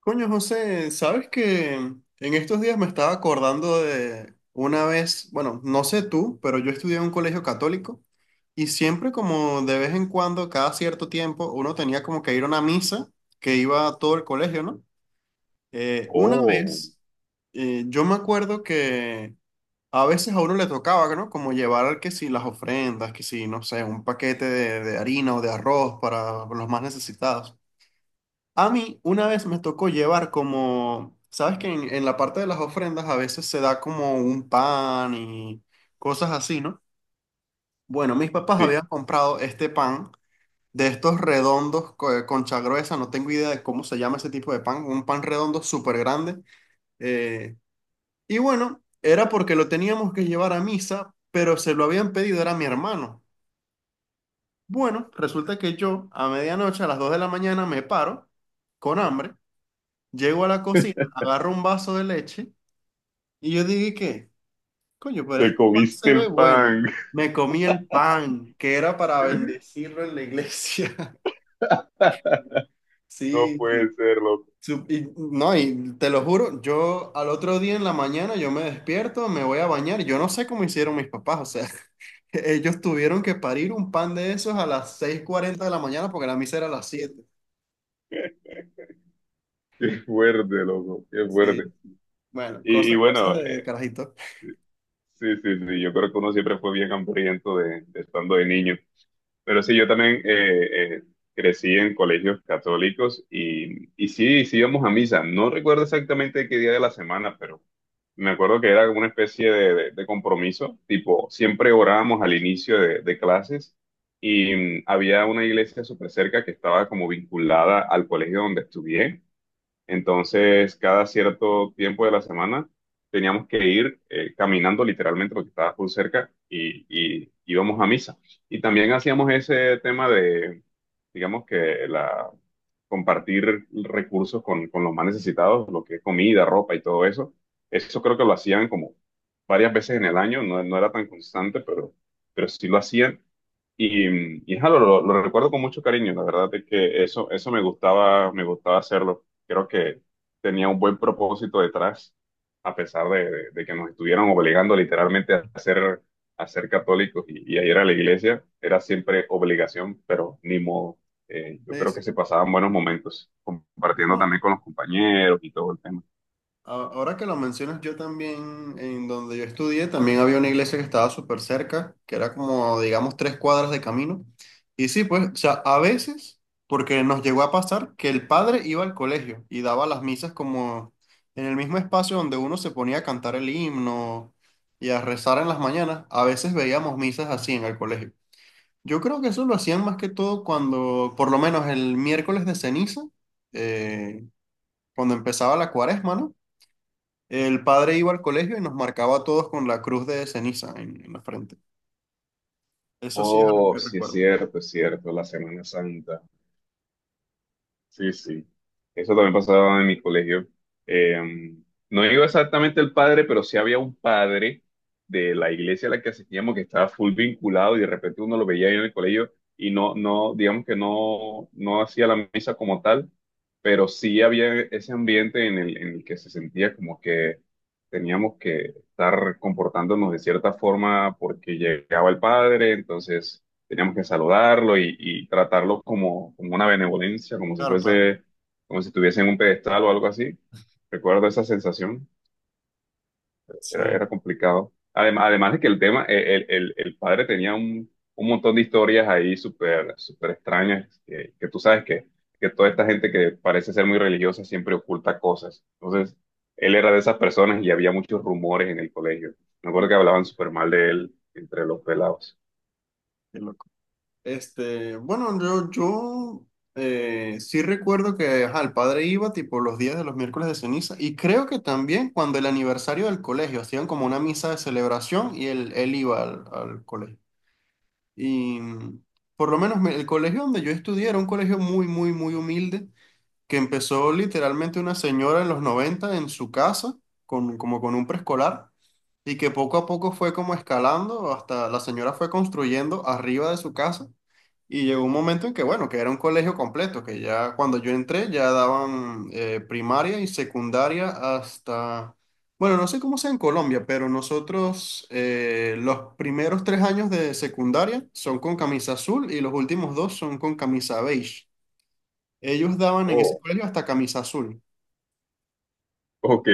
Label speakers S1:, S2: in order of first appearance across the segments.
S1: Coño, José, ¿sabes que en estos días me estaba acordando de una vez? Bueno, no sé tú, pero yo estudié en un colegio católico y siempre, como de vez en cuando, cada cierto tiempo, uno tenía como que ir a una misa que iba a todo el colegio, ¿no? Una
S2: Oh,
S1: vez, yo me acuerdo que a veces a uno le tocaba, ¿no?, como llevar que si las ofrendas, que si, no sé, un paquete de harina o de arroz para los más necesitados. A mí una vez me tocó llevar como, sabes que en la parte de las ofrendas a veces se da como un pan y cosas así, ¿no? Bueno, mis papás
S2: sí,
S1: habían comprado este pan de estos redondos, concha gruesa, no tengo idea de cómo se llama ese tipo de pan, un pan redondo súper grande. eh, y bueno, era porque lo teníamos que llevar a misa, pero se lo habían pedido, era mi hermano. Bueno, resulta que yo a medianoche, a las 2 de la mañana, me paro con hambre. Llego a la cocina, agarro un vaso de leche y yo dije, ¿qué? Coño, pero
S2: te
S1: este pan
S2: comiste
S1: se ve
S2: el
S1: bueno.
S2: pan.
S1: Me comí el pan, que era para bendecirlo en la iglesia.
S2: No
S1: Sí,
S2: puede
S1: sí.
S2: ser, loco.
S1: No, y te lo juro, yo al otro día en la mañana yo me despierto, me voy a bañar y yo no sé cómo hicieron mis papás, o sea, ellos tuvieron que parir un pan de esos a las 6:40 de la mañana porque la misa era a las 7.
S2: Qué fuerte, loco. Qué fuerte.
S1: Sí, bueno,
S2: Y
S1: cosas, cosas
S2: bueno,
S1: de carajito.
S2: sí, sí, sí. Yo creo que uno siempre fue bien hambriento de estando de niño. Pero sí, yo también crecí en colegios católicos y sí, sí íbamos a misa. No recuerdo exactamente qué día de la semana, pero me acuerdo que era como una especie de compromiso, tipo, siempre orábamos al inicio de clases y había una iglesia súper cerca que estaba como vinculada al colegio donde estudié. Entonces, cada cierto tiempo de la semana teníamos que ir caminando literalmente porque estaba por cerca y íbamos a misa. Y también hacíamos ese tema de, digamos que la, compartir recursos con los más necesitados, lo que es comida, ropa y todo eso. Eso creo que lo hacían como varias veces en el año, no, no era tan constante, pero sí lo hacían. Y jalo, lo recuerdo con mucho cariño, la verdad es que eso me gustaba hacerlo. Creo que tenía un buen propósito detrás, a pesar de, de que nos estuvieran obligando literalmente a ser católicos y a ir a la iglesia, era siempre obligación, pero ni modo. Yo
S1: Sí,
S2: creo
S1: sí.
S2: que se pasaban buenos momentos, compartiendo
S1: No,
S2: también con los compañeros y todo el tema.
S1: Ahora que lo mencionas, yo también, en donde yo estudié, también había una iglesia que estaba súper cerca, que era como, digamos, 3 cuadras de camino. Y sí, pues, o sea, a veces, porque nos llegó a pasar que el padre iba al colegio y daba las misas como en el mismo espacio donde uno se ponía a cantar el himno y a rezar en las mañanas, a veces veíamos misas así en el colegio. Yo creo que eso lo hacían más que todo cuando, por lo menos el miércoles de ceniza, eh, cuando empezaba la cuaresma, ¿no? El padre iba al colegio y nos marcaba a todos con la cruz de ceniza en la frente. Eso sí es algo
S2: Oh,
S1: que
S2: sí
S1: recuerdo.
S2: es cierto, la Semana Santa. Sí, sí. Eso también pasaba en mi colegio. Eh, no digo exactamente el padre, pero sí había un padre de la iglesia a la que asistíamos que estaba full vinculado y de repente uno lo veía ahí en el colegio y no, no, digamos que no, no hacía la misa como tal, pero sí había ese ambiente en el que se sentía como que teníamos que estar comportándonos de cierta forma porque llegaba el padre, entonces teníamos que saludarlo y tratarlo como, como una benevolencia, como si
S1: Claro, claro.
S2: fuese, como si estuviese en un pedestal o algo así. Recuerdo esa sensación, era,
S1: Sí,
S2: era complicado. Además, además de que el tema, el padre tenía un montón de historias ahí súper, súper extrañas, que tú sabes que toda esta gente que parece ser muy religiosa siempre oculta cosas. Entonces, él era de esas personas y había muchos rumores en el colegio. Me acuerdo que hablaban súper mal de él entre los pelados.
S1: qué loco. Este, bueno, yo sí recuerdo que, ajá, el padre iba tipo los días de los miércoles de ceniza y creo que también cuando el aniversario del colegio hacían como una misa de celebración y él iba al colegio. Y por lo menos el colegio donde yo estudié era un colegio muy, muy, muy humilde, que empezó literalmente una señora en los 90 en su casa, como con un preescolar, y que poco a poco fue como escalando hasta la señora fue construyendo arriba de su casa. Y llegó un momento en que, bueno, que era un colegio completo, que ya cuando yo entré ya daban primaria y secundaria hasta, bueno, no sé cómo sea en Colombia, pero nosotros los primeros 3 años de secundaria son con camisa azul y los últimos dos son con camisa beige. Ellos daban en ese colegio hasta camisa azul.
S2: Ok,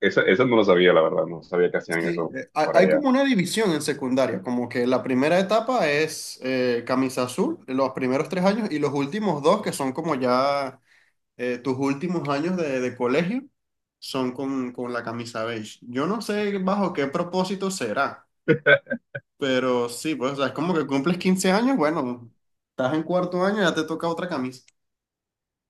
S2: esa no lo sabía, la verdad, no sabía que hacían
S1: Sí,
S2: eso
S1: Eh, Hay
S2: por
S1: hay
S2: allá.
S1: como una división en secundaria, como que la primera etapa es camisa azul, los primeros 3 años, y los últimos dos, que son como ya tus últimos años de colegio, son con la camisa beige. Yo no sé bajo qué propósito será, pero sí, pues, o sea, es como que cumples 15 años, bueno, estás en cuarto año y ya te toca otra camisa.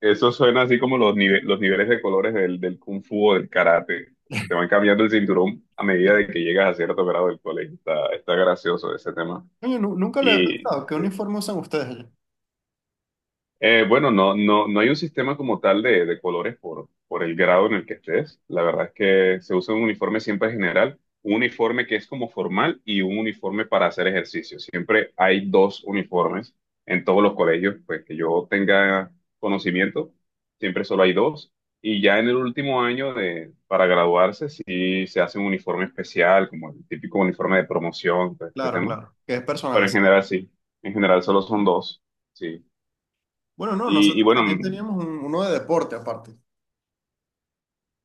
S2: Eso suena así como los, los niveles de colores del kung fu o del karate. Te van cambiando el cinturón a medida de que llegas a cierto grado del colegio. Está, está gracioso ese tema.
S1: Oye, nunca lo he
S2: Y
S1: pensado, ¿qué
S2: sí,
S1: uniforme usan ustedes allá?
S2: Bueno, no, no, no hay un sistema como tal de colores por el grado en el que estés. La verdad es que se usa un uniforme siempre general, un uniforme que es como formal y un uniforme para hacer ejercicio. Siempre hay dos uniformes en todos los colegios, pues que yo tenga conocimiento, siempre solo hay dos. Y ya en el último año de, para graduarse, sí se hace un uniforme especial, como el típico uniforme de promoción, todo este
S1: Claro,
S2: tema.
S1: claro, que es
S2: Pero en
S1: personalizado.
S2: general sí, en general solo son dos, sí.
S1: Bueno, no,
S2: Y
S1: nosotros
S2: bueno.
S1: también teníamos uno de deporte aparte.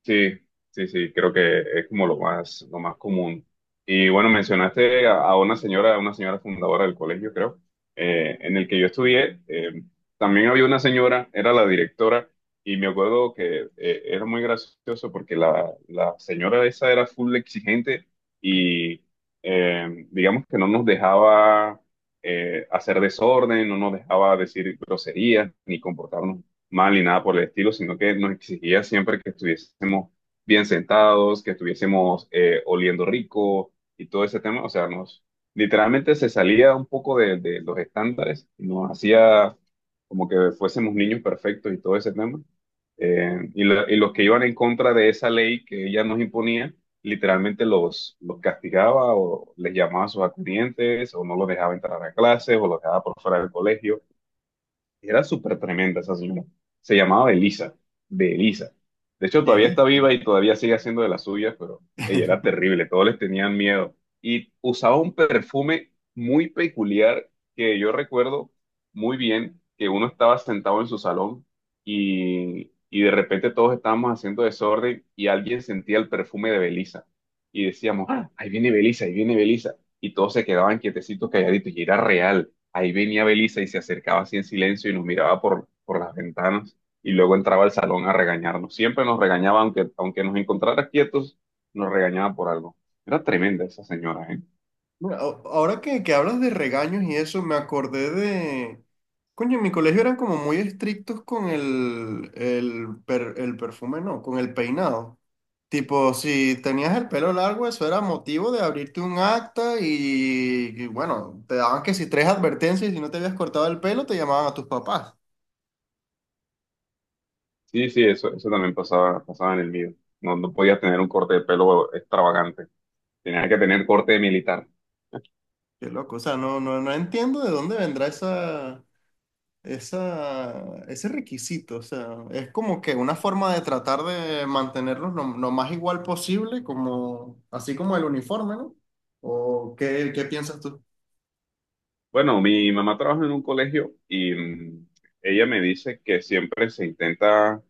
S2: Sí, sí, sí, creo que es como lo más común. Y bueno, mencionaste a una señora fundadora del colegio, creo, en el que yo estudié. También había una señora, era la directora, y me acuerdo que era muy gracioso porque la señora esa era full exigente y digamos que no nos dejaba hacer desorden, no nos dejaba decir groserías ni comportarnos mal ni nada por el estilo, sino que nos exigía siempre que estuviésemos bien sentados, que estuviésemos oliendo rico y todo ese tema. O sea, nos literalmente se salía un poco de los estándares y nos hacía como que fuésemos niños perfectos y todo ese tema. Y los que iban en contra de esa ley que ella nos imponía, literalmente los castigaba o les llamaba a sus acudientes o no los dejaba entrar a clases o los dejaba por fuera del colegio. Era súper tremenda esa señora. Se llamaba Elisa. De hecho,
S1: De
S2: todavía está
S1: listo.
S2: viva y todavía sigue haciendo de las suyas, pero ella era terrible, todos les tenían miedo. Y usaba un perfume muy peculiar que yo recuerdo muy bien, que uno estaba sentado en su salón y de repente todos estábamos haciendo desorden y alguien sentía el perfume de Belisa. Y decíamos, "Ah, ahí viene Belisa, ahí viene Belisa." Y todos se quedaban quietecitos, calladitos, y era real. Ahí venía Belisa y se acercaba así en silencio y nos miraba por las ventanas y luego entraba al salón a regañarnos. Siempre nos regañaba, aunque, aunque nos encontrara quietos, nos regañaba por algo. Era tremenda esa señora, ¿eh?
S1: Mira, ahora que hablas de regaños y eso, me acordé de... Coño, en mi colegio eran como muy estrictos con el perfume, no, con el peinado. Tipo, si tenías el pelo largo, eso era motivo de abrirte un acta y bueno, te daban que si tres advertencias y si no te habías cortado el pelo, te llamaban a tus papás.
S2: Sí, sí, eso también pasaba, pasaba en el mío. No, no podías tener un corte de pelo extravagante. Tenía que tener corte de militar.
S1: Qué loco, o sea, no, no, no entiendo de dónde vendrá esa... Esa, ese requisito, o sea, es como que una forma de tratar de mantenerlos lo más igual posible, como, así como el uniforme, ¿no? ¿O qué piensas tú?
S2: Bueno, mi mamá trabaja en un colegio y ella me dice que siempre se intenta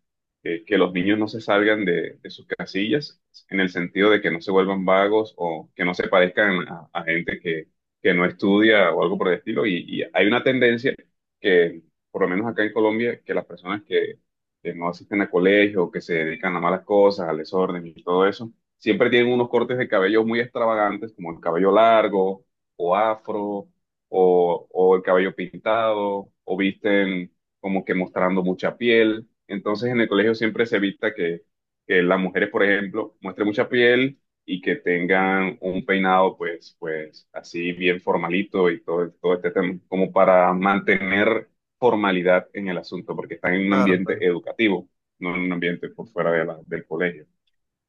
S2: que los niños no se salgan de sus casillas, en el sentido de que no se vuelvan vagos o que no se parezcan a gente que no estudia o algo por el estilo. Y hay una tendencia que, por lo menos acá en Colombia, que las personas que no asisten a colegio, que se dedican a malas cosas, al desorden y todo eso, siempre tienen unos cortes de cabello muy extravagantes, como el cabello largo o afro o el cabello pintado, o visten como que mostrando mucha piel. Entonces en el colegio siempre se evita que las mujeres, por ejemplo, muestren mucha piel y que tengan un peinado pues, pues así bien formalito y todo, todo este tema, como para mantener formalidad en el asunto, porque están en un
S1: Claro,
S2: ambiente
S1: claro.
S2: educativo, no en un ambiente por fuera de del colegio.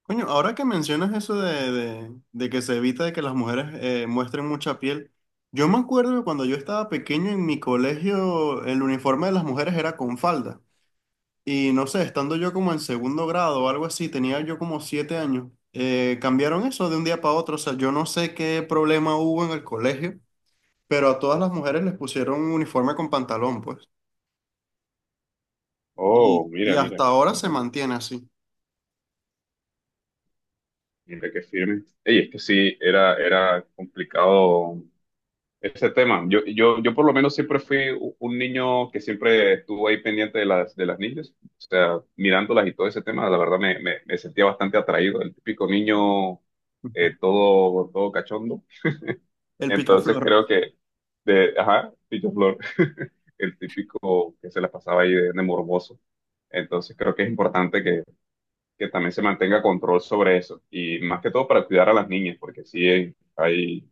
S1: Coño, ahora que mencionas eso de, de que se evita de que las mujeres muestren mucha piel, yo me acuerdo que cuando yo estaba pequeño en mi colegio, el uniforme de las mujeres era con falda. Y no sé, estando yo como en segundo grado o algo así, tenía yo como 7 años, cambiaron eso de un día para otro. O sea, yo no sé qué problema hubo en el colegio, pero a todas las mujeres les pusieron un uniforme con pantalón, pues.
S2: Oh,
S1: Y
S2: mira, mira,
S1: hasta ahora
S2: qué
S1: se
S2: bueno.
S1: mantiene así.
S2: Mira qué firme. Ey, es que sí, era, era complicado ese tema. Yo por lo menos siempre fui un niño que siempre estuvo ahí pendiente de las niñas, o sea, mirándolas y todo ese tema, la verdad me sentía bastante atraído, el típico niño todo, todo cachondo.
S1: El
S2: Entonces
S1: picaflor.
S2: creo que, de, ajá, Pillo Flor, el típico que se la pasaba ahí de morboso. Entonces creo que es importante que también se mantenga control sobre eso, y más que todo para cuidar a las niñas, porque sí, hay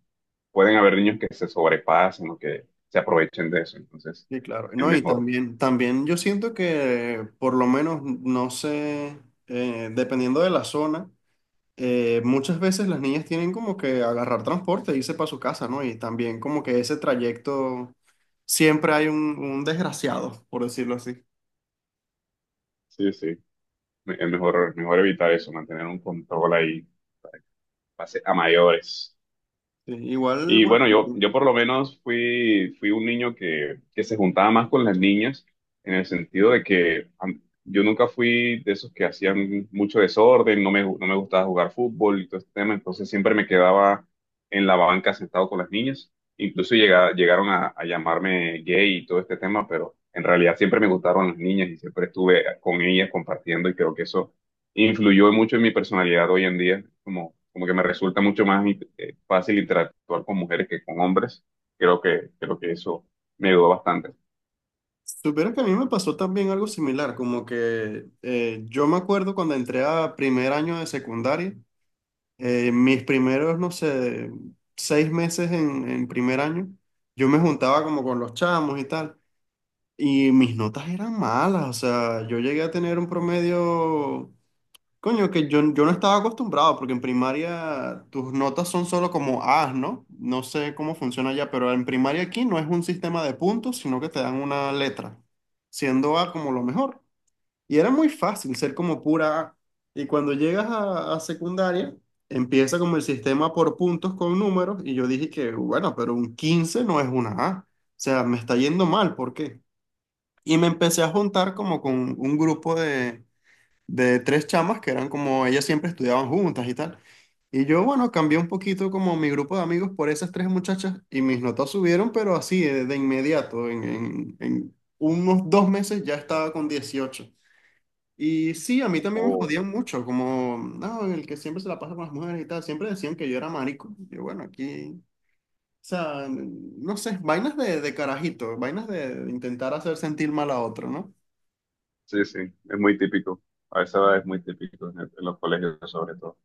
S2: pueden haber niños que se sobrepasen o que se aprovechen de eso. Entonces,
S1: Sí, claro.
S2: es
S1: No, y
S2: mejor,
S1: también, también yo siento que, por lo menos, no sé, dependiendo de la zona, muchas veces las niñas tienen como que agarrar transporte e irse para su casa, ¿no? Y también como que ese trayecto siempre hay un desgraciado, por decirlo así.
S2: sí, sí, es mejor, mejor evitar eso, mantener un control ahí, pase a mayores.
S1: Sí, igual,
S2: Y
S1: bueno,
S2: bueno, yo por lo menos fui, fui un niño que se juntaba más con las niñas, en el sentido de que yo nunca fui de esos que hacían mucho desorden, no me, no me gustaba jugar fútbol y todo este tema, entonces siempre me quedaba en la banca sentado con las niñas. Incluso llegaron a llamarme gay y todo este tema, pero en realidad siempre me gustaron las niñas y siempre estuve con ellas compartiendo y creo que eso influyó mucho en mi personalidad hoy en día, como, como que me resulta mucho más fácil interactuar con mujeres que con hombres. Creo que eso me ayudó bastante.
S1: supiera que a mí me pasó también algo similar, como que yo me acuerdo cuando entré a primer año de secundaria, mis primeros, no sé, 6 meses en primer año, yo me juntaba como con los chamos y tal, y mis notas eran malas, o sea, yo llegué a tener un promedio... Coño, que yo no estaba acostumbrado, porque en primaria tus notas son solo como A's, ¿no? No sé cómo funciona allá, pero en primaria aquí no es un sistema de puntos, sino que te dan una letra, siendo A como lo mejor. Y era muy fácil ser como pura A. Y cuando llegas a secundaria, empieza como el sistema por puntos con números, y yo dije que, bueno, pero un 15 no es una A. O sea, me está yendo mal, ¿por qué? Y me empecé a juntar como con un grupo de tres chamas que eran como, ellas siempre estudiaban juntas y tal. Y yo, bueno, cambié un poquito como mi grupo de amigos por esas tres muchachas y mis notas subieron, pero así de inmediato, en unos 2 meses ya estaba con 18. Y sí, a mí también me
S2: Oh,
S1: jodían mucho, como, no, el que siempre se la pasa con las mujeres y tal, siempre decían que yo era marico. Y yo, bueno, aquí, o sea, no sé, vainas de carajito, vainas de intentar hacer sentir mal a otro, ¿no?
S2: sí, sí, es muy típico. A esa edad es muy típico en, en los colegios sobre todo.